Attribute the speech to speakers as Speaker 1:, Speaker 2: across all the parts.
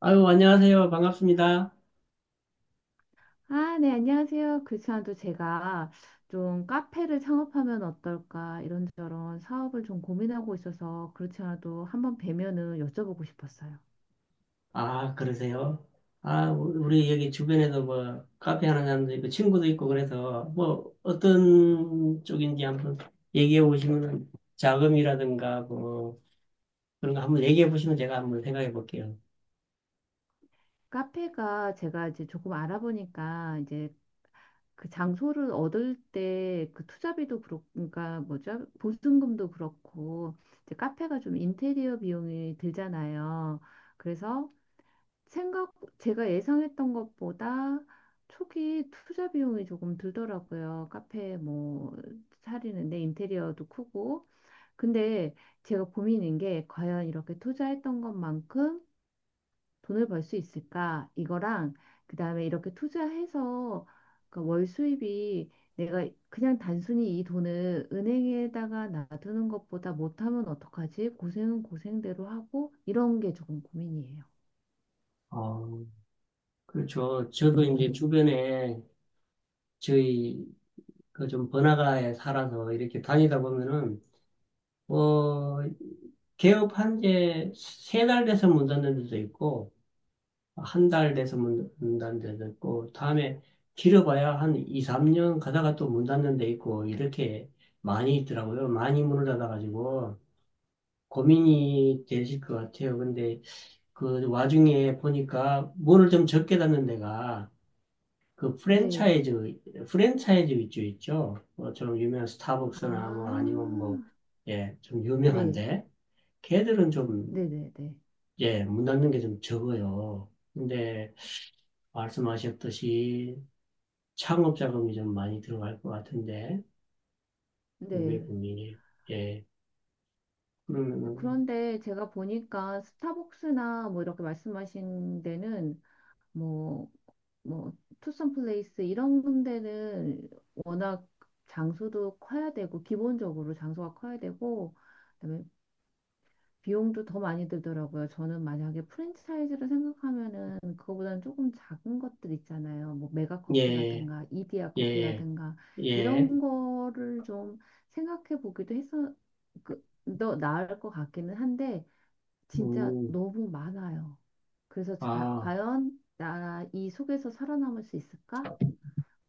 Speaker 1: 아유, 안녕하세요. 반갑습니다.
Speaker 2: 아, 네, 안녕하세요. 그지만도 제가 좀 카페를 창업하면 어떨까 이런저런 사업을 좀 고민하고 있어서 그렇지 않아도 한번 뵈면은 여쭤보고 싶었어요.
Speaker 1: 아, 그러세요? 아, 우리 여기 주변에도 뭐, 카페 하는 사람도 있고, 친구도 있고, 그래서, 뭐, 어떤 쪽인지 한번 얘기해 보시면, 자금이라든가, 뭐, 그런 거 한번 얘기해 보시면 제가 한번 생각해 볼게요.
Speaker 2: 카페가 제가 이제 조금 알아보니까 이제 그 장소를 얻을 때 그 투자비도 그렇고, 그러니까 뭐죠? 보증금도 그렇고, 이제 카페가 좀 인테리어 비용이 들잖아요. 그래서 생각, 제가 예상했던 것보다 초기 투자 비용이 조금 들더라고요. 카페 뭐 차리는데 인테리어도 크고. 근데 제가 고민인 게 과연 이렇게 투자했던 것만큼 돈을 벌 수 있을까? 이거랑 그다음에 이렇게 투자해서 그월 수입이 내가 그냥 단순히 이 돈을 은행에다가 놔두는 것보다 못하면 어떡하지? 고생은 고생대로 하고 이런 게 조금 고민이에요.
Speaker 1: 어, 그렇죠. 저도 이제 주변에 저희, 그 좀 번화가에 살아서 이렇게 다니다 보면은, 뭐, 개업한 지 세 달 돼서 문 닫는 데도 있고, 한 달 돼서 문 닫는 데도 있고, 다음에 길어봐야 한 2, 3년 가다가 또 문 닫는 데 있고, 이렇게 많이 있더라고요. 많이 문을 닫아가지고 고민이 되실 것 같아요. 근데 그 와중에 보니까 문을 좀 적게 닫는 데가 그
Speaker 2: 네.
Speaker 1: 프랜차이즈 위주 있죠. 뭐 좀 유명한
Speaker 2: 아,
Speaker 1: 스타벅스나 뭐 아니면 뭐, 예, 좀
Speaker 2: 네,
Speaker 1: 유명한데, 걔들은 좀,
Speaker 2: 네네네.
Speaker 1: 예, 문 닫는 게 좀 적어요. 근데 말씀하셨듯이 창업 자금이 좀 많이 들어갈 것 같은데, 국내
Speaker 2: 네.
Speaker 1: 국민이. 예. 그러면은,
Speaker 2: 그런데 제가 보니까 스타벅스나 뭐 이렇게 말씀하신 데는 뭐, 뭐, 투썸 플레이스 이런 데는 워낙 장소도 커야 되고, 기본적으로 장소가 커야 되고, 그다음에 비용도 더 많이 들더라고요. 저는 만약에 프랜차이즈를 생각하면은 그거보다는 조금 작은 것들 있잖아요. 뭐
Speaker 1: 예,
Speaker 2: 메가커피라든가 이디야
Speaker 1: 예,
Speaker 2: 커피라든가
Speaker 1: 예.
Speaker 2: 이런 거를 좀 생각해 보기도 해서 그더 나을 것 같기는 한데 진짜
Speaker 1: 음,
Speaker 2: 너무 많아요. 그래서 자,
Speaker 1: 아,
Speaker 2: 과연 나 이 속에서 살아남을 수 있을까?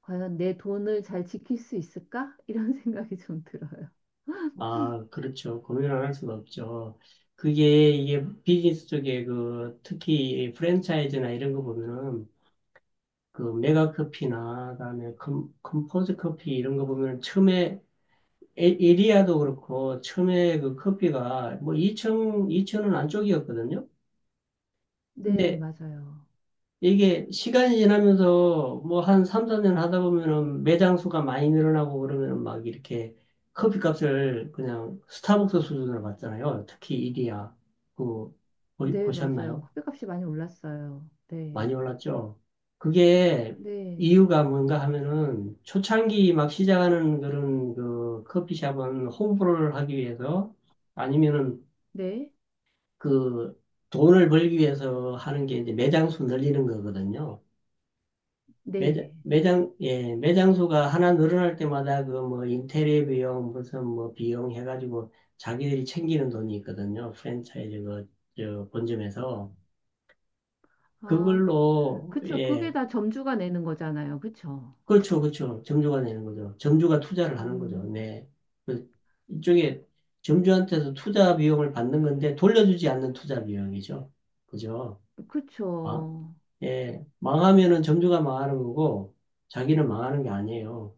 Speaker 2: 과연 내 돈을 잘 지킬 수 있을까? 이런 생각이 좀 들어요.
Speaker 1: 아, 그렇죠. 고민을 할 수가 없죠. 그게, 이게 비즈니스 쪽에 그, 특히 프랜차이즈나 이런 거 보면은, 그 메가 커피나, 그다음에 컴포즈 커피 이런 거 보면은 처음에, 에리아도 그렇고, 처음에 그 커피가 뭐 2천, 2천원 안쪽이었거든요.
Speaker 2: 네,
Speaker 1: 근데
Speaker 2: 맞아요.
Speaker 1: 이게 시간이 지나면서 뭐 한 3, 4년 하다 보면은 매장 수가 많이 늘어나고 그러면은 막 이렇게 커피 값을 그냥 스타벅스 수준으로 받잖아요. 특히 이디야. 그,
Speaker 2: 네, 맞아요.
Speaker 1: 보셨나요?
Speaker 2: 커피값이 많이 올랐어요. 네.
Speaker 1: 많이 올랐죠? 그게
Speaker 2: 네.
Speaker 1: 이유가 뭔가 하면은 초창기 막 시작하는 그런 그 커피숍은 홍보를 하기 위해서 아니면은
Speaker 2: 네.
Speaker 1: 그 돈을 벌기 위해서 하는 게 이제 매장 수 늘리는 거거든요.
Speaker 2: 네.
Speaker 1: 예, 매장수가 하나 늘어날 때마다 그 뭐 인테리어 비용, 무슨 뭐 비용 해가지고 자기들이 챙기는 돈이 있거든요. 프랜차이즈 그, 저, 본점에서.
Speaker 2: 아,
Speaker 1: 그걸로,
Speaker 2: 그쵸. 그게
Speaker 1: 예,
Speaker 2: 다 점주가 내는 거잖아요. 그쵸.
Speaker 1: 그렇죠, 그렇죠. 점주가 내는 거죠. 점주가 투자를 하는 거죠.
Speaker 2: 음,
Speaker 1: 네. 그, 이쪽에 점주한테서 투자 비용을 받는 건데 돌려주지 않는 투자 비용이죠. 그죠? 아,
Speaker 2: 그쵸.
Speaker 1: 예. 망하면은 점주가 망하는 거고 자기는 망하는 게 아니에요.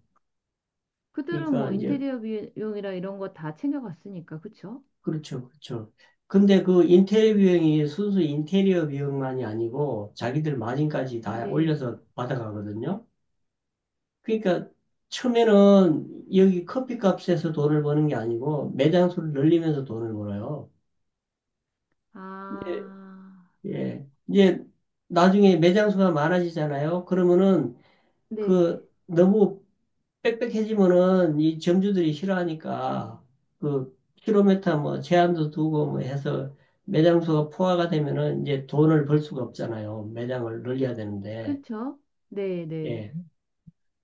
Speaker 2: 그들은
Speaker 1: 그러니까
Speaker 2: 뭐
Speaker 1: 이제
Speaker 2: 인테리어 비용이라 이런 거 다 챙겨갔으니까. 그쵸.
Speaker 1: 그렇죠, 그렇죠. 근데 그 인테리어
Speaker 2: 음,
Speaker 1: 비용이 순수 인테리어 비용만이 아니고 자기들 마진까지 다
Speaker 2: 네.
Speaker 1: 올려서 받아가거든요. 그러니까 처음에는 여기 커피값에서 돈을 버는 게 아니고 매장수를 늘리면서 돈을 벌어요.
Speaker 2: 아,
Speaker 1: 근데 예, 이제 나중에 매장수가 많아지잖아요. 그러면은
Speaker 2: 네.
Speaker 1: 그 너무 빽빽해지면은 이 점주들이 싫어하니까 그 킬로미터 뭐 제한도 두고 뭐 해서 매장 수가 포화가 되면은 이제 돈을 벌 수가 없잖아요. 매장을 늘려야 되는데
Speaker 2: 그쵸. 네, 네.
Speaker 1: 예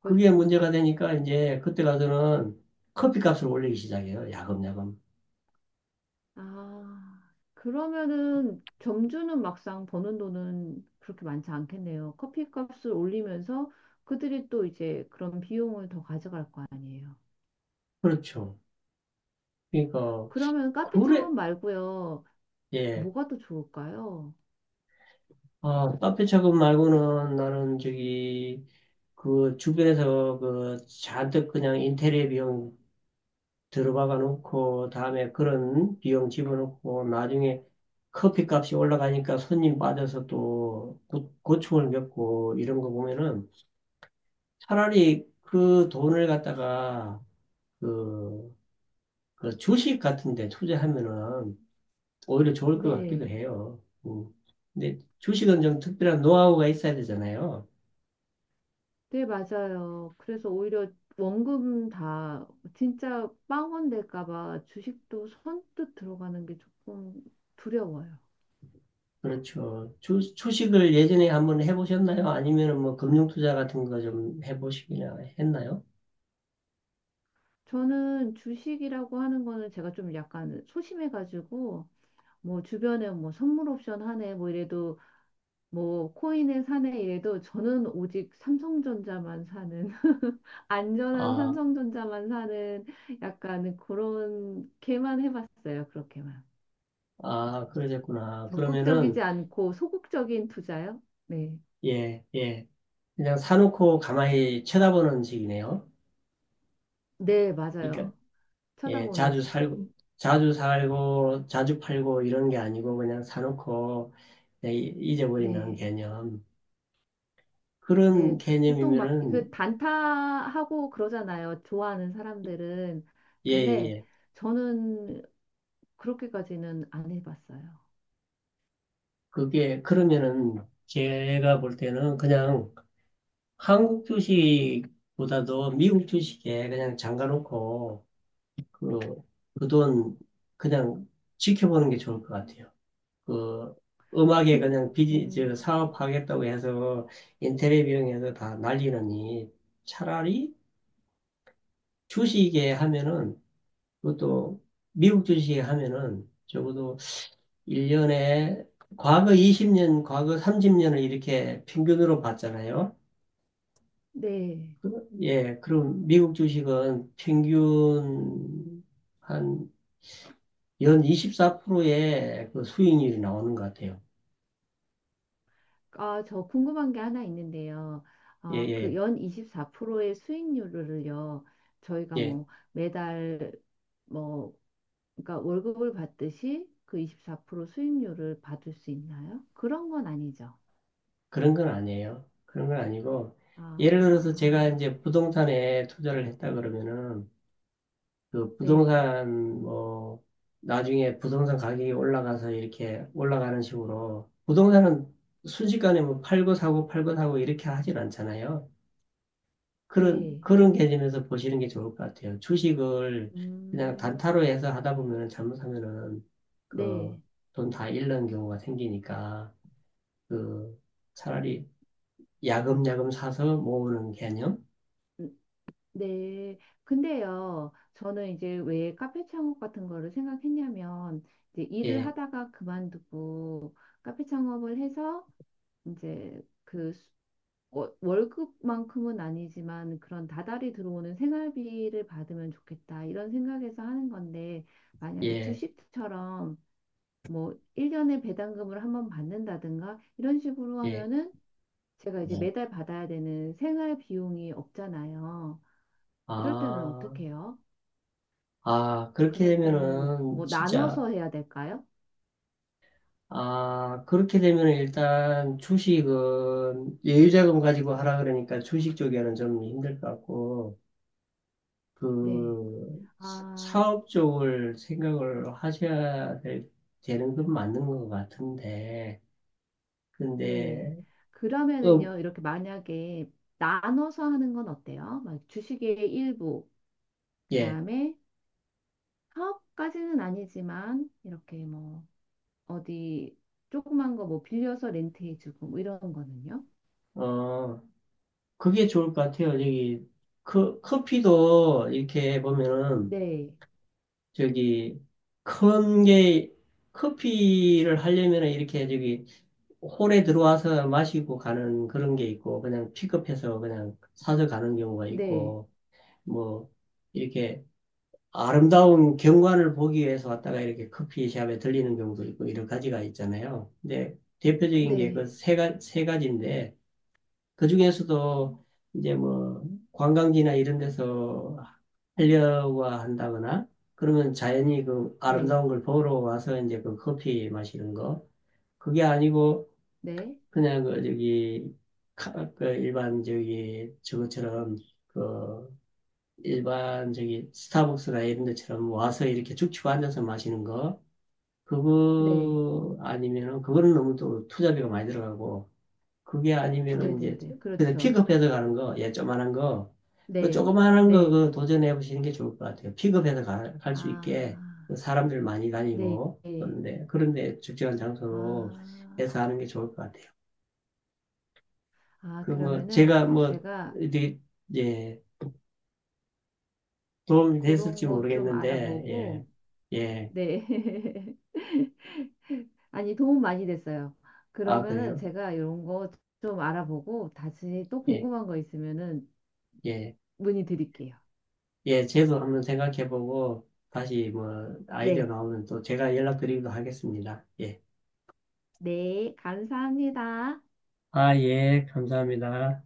Speaker 1: 그게 문제가 되니까 이제 그때 가서는 커피 값을 올리기 시작해요. 야금야금
Speaker 2: 아, 그러면은 점주는 막상 버는 돈은 그렇게 많지 않겠네요. 커피값을 올리면서 그들이 또 이제 그런 비용을 더 가져갈 거 아니에요.
Speaker 1: 그렇죠. 그러니까
Speaker 2: 그러면 카페
Speaker 1: 그래
Speaker 2: 창업 말고요.
Speaker 1: 예
Speaker 2: 뭐가 더 좋을까요?
Speaker 1: 아, 카페 차금 말고는 나는 저기 그 주변에서 그 잔뜩 그냥 인테리어 비용 들어박아 놓고 다음에 그런 비용 집어넣고 나중에 커피값이 올라가니까 손님 빠져서 또 고충을 겪고 이런 거 보면은 차라리 그 돈을 갖다가 그, 그 주식 같은 데 투자하면은 오히려 좋을 것 같기도
Speaker 2: 네.
Speaker 1: 해요. 음. 근데 주식은 좀 특별한 노하우가 있어야 되잖아요.
Speaker 2: 네, 맞아요. 그래서 오히려 원금 다 진짜 빵원 될까 봐 주식도 선뜻 들어가는 게 조금 두려워요.
Speaker 1: 그렇죠. 주식을 예전에 한번 해보셨나요? 아니면 뭐 금융투자 같은 거 좀 해보시기나 했나요?
Speaker 2: 저는 주식이라고 하는 거는 제가 좀 약간 소심해가지고 뭐 주변에 뭐 선물 옵션 하네 뭐 이래도 뭐 코인에 사네 이래도 저는 오직 삼성전자만 사는 안전한
Speaker 1: 아,
Speaker 2: 삼성전자만 사는 약간 그런 게만 해봤어요. 그렇게만.
Speaker 1: 아, 그러셨구나. 그러면은,
Speaker 2: 적극적이지 않고 소극적인 투자요? 네.
Speaker 1: 예, 예. 그냥 사놓고 가만히 쳐다보는 식이네요.
Speaker 2: 네, 맞아요.
Speaker 1: 그러니까, 예,
Speaker 2: 쳐다보는
Speaker 1: 자주
Speaker 2: 식이요.
Speaker 1: 살고, 자주 살고, 자주 팔고 이런 게 아니고 그냥 사놓고 그냥 잊어버리는
Speaker 2: 네.
Speaker 1: 개념. 그런
Speaker 2: 네. 보통 막
Speaker 1: 개념이면은,
Speaker 2: 그 단타하고 그러잖아요. 좋아하는 사람들은.
Speaker 1: 예, 예,
Speaker 2: 근데
Speaker 1: 예.
Speaker 2: 저는 그렇게까지는 안 해봤어요.
Speaker 1: 그게, 그러면은 제가 볼 때는 그냥 한국 주식보다도 미국 주식에 그냥 잠가놓고 그, 그 돈 그냥 지켜보는 게 좋을 것 같아요. 그 음악에
Speaker 2: 근,
Speaker 1: 그냥 비즈
Speaker 2: 음,
Speaker 1: 저 사업하겠다고 해서 인테리어 비용에서 다 날리느니 차라리 주식에 하면은 그것도 미국 주식에 하면은 적어도 1년에 과거 20년, 과거 30년을 이렇게 평균으로 봤잖아요.
Speaker 2: 네.
Speaker 1: 예, 그럼 미국 주식은 평균 한 연 24%의 그 수익률이 나오는 것 같아요.
Speaker 2: 아, 저 궁금한 게 하나 있는데요.
Speaker 1: 예,
Speaker 2: 아, 그
Speaker 1: 예,
Speaker 2: 연 24%의 수익률을요, 저희가
Speaker 1: 예.
Speaker 2: 뭐 매달 뭐, 그러니까 월급을 받듯이 그 24% 수익률을 받을 수 있나요? 그런 건 아니죠.
Speaker 1: 그런 건 아니에요. 그런 건 아니고,
Speaker 2: 아,
Speaker 1: 예를 들어서 제가 이제 부동산에 투자를 했다 그러면은, 그
Speaker 2: 네.
Speaker 1: 부동산, 뭐, 나중에 부동산 가격이 올라가서 이렇게 올라가는 식으로, 부동산은 순식간에 뭐 팔고 사고 팔고 사고 이렇게 하진 않잖아요. 그런,
Speaker 2: 네.
Speaker 1: 그런 개념에서 보시는 게 좋을 것 같아요. 주식을 그냥
Speaker 2: 음,
Speaker 1: 단타로 해서 하다 보면 잘못하면은,
Speaker 2: 네.
Speaker 1: 그, 돈 다 잃는 경우가 생기니까, 그, 차라리 야금야금 사서 모으는 개념?
Speaker 2: 네. 근데요, 저는 이제 왜 카페 창업 같은 거를 생각했냐면, 이제 일을
Speaker 1: 예,
Speaker 2: 하다가 그만두고 카페 창업을 해서 이제 그 수- 월급만큼은 아니지만 그런 다달이 들어오는 생활비를 받으면 좋겠다. 이런 생각에서 하는 건데, 만약에
Speaker 1: 예,
Speaker 2: 주식처럼 뭐 1년에 배당금을 한번 받는다든가 이런 식으로
Speaker 1: 예.
Speaker 2: 하면은 제가 이제
Speaker 1: 네.
Speaker 2: 매달 받아야 되는 생활 비용이 없잖아요. 이럴 때는
Speaker 1: 아,
Speaker 2: 어떻게 해요?
Speaker 1: 아, 그렇게
Speaker 2: 그럴 때는
Speaker 1: 되면은,
Speaker 2: 뭐
Speaker 1: 진짜,
Speaker 2: 나눠서 해야 될까요?
Speaker 1: 아, 그렇게 되면은 일단 주식은 여유자금 가지고 하라 그러니까 주식 쪽에는 좀 힘들 것 같고,
Speaker 2: 네.
Speaker 1: 그,
Speaker 2: 아,
Speaker 1: 사업 쪽을 생각을 하셔야 될, 되는 건 맞는 것 같은데,
Speaker 2: 네.
Speaker 1: 근데, 음,
Speaker 2: 그러면은요, 이렇게 만약에 나눠서 하는 건 어때요? 막 주식의 일부,
Speaker 1: 예,
Speaker 2: 그다음에 사업까지는 아니지만 이렇게 뭐 어디 조그만 거 뭐 빌려서 렌트해주고 뭐 이런 거는요?
Speaker 1: 어, 그게 좋을 것 같아요. 여기 커피도 이렇게 보면은
Speaker 2: 네,
Speaker 1: 저기 큰 게 커피를 하려면은 이렇게 저기 홀에 들어와서 마시고 가는 그런 게 있고 그냥 픽업해서 그냥 사서 가는 경우가
Speaker 2: 네,
Speaker 1: 있고 뭐 이렇게 아름다운 경관을 보기 위해서 왔다가 이렇게 커피숍에 들리는 경우도 있고 여러 가지가 있잖아요. 근데 대표적인 게 그
Speaker 2: 네,
Speaker 1: 세 가세 가지인데 그 중에서도 이제 뭐 관광지나 이런 데서 하려고 한다거나 그러면 자연히 그
Speaker 2: 네,
Speaker 1: 아름다운 걸 보러 와서 이제 그 커피 마시는 거 그게 아니고
Speaker 2: 네,
Speaker 1: 그냥 그 저기 그 일반 저기 저것처럼 그 일반 저기 스타벅스나 이런 데처럼 와서 이렇게 쭉고 앉아서 마시는 거
Speaker 2: 네,
Speaker 1: 그거 아니면은 그거는 너무 또 투자비가 많이 들어가고 그게
Speaker 2: 네,
Speaker 1: 아니면은
Speaker 2: 네,
Speaker 1: 이제
Speaker 2: 네,
Speaker 1: 그냥
Speaker 2: 그렇죠.
Speaker 1: 픽업해서 가는 거, 예, 조그만한 거, 그
Speaker 2: 네,
Speaker 1: 조그만한 거
Speaker 2: 네,
Speaker 1: 그 도전해 보시는 게 좋을 것 같아요. 픽업해서 갈
Speaker 2: 아,
Speaker 1: 수 있게 그 사람들 많이
Speaker 2: 네,
Speaker 1: 다니고 그런데 적절한 장소로
Speaker 2: 아.
Speaker 1: 해서 하는 게 좋을 것 같아요.
Speaker 2: 아,
Speaker 1: 그 뭐
Speaker 2: 그러면은
Speaker 1: 제가 뭐
Speaker 2: 제가
Speaker 1: 이제 예, 도움이
Speaker 2: 그런
Speaker 1: 됐을지
Speaker 2: 거 좀
Speaker 1: 모르겠는데 예,
Speaker 2: 알아보고,
Speaker 1: 예,
Speaker 2: 네. 아니, 도움 많이 됐어요.
Speaker 1: 아
Speaker 2: 그러면은
Speaker 1: 그래요?
Speaker 2: 제가 이런 거 좀 알아보고 다시 또
Speaker 1: 예,
Speaker 2: 궁금한 거 있으면은
Speaker 1: 예,
Speaker 2: 문의 드릴게요.
Speaker 1: 예, 제도 한번 생각해 보고 다시 뭐 아이디어
Speaker 2: 네.
Speaker 1: 나오면 또 제가 연락드리기도 하겠습니다. 예.
Speaker 2: 네. 감사합니다.
Speaker 1: 아, 예, 감사합니다.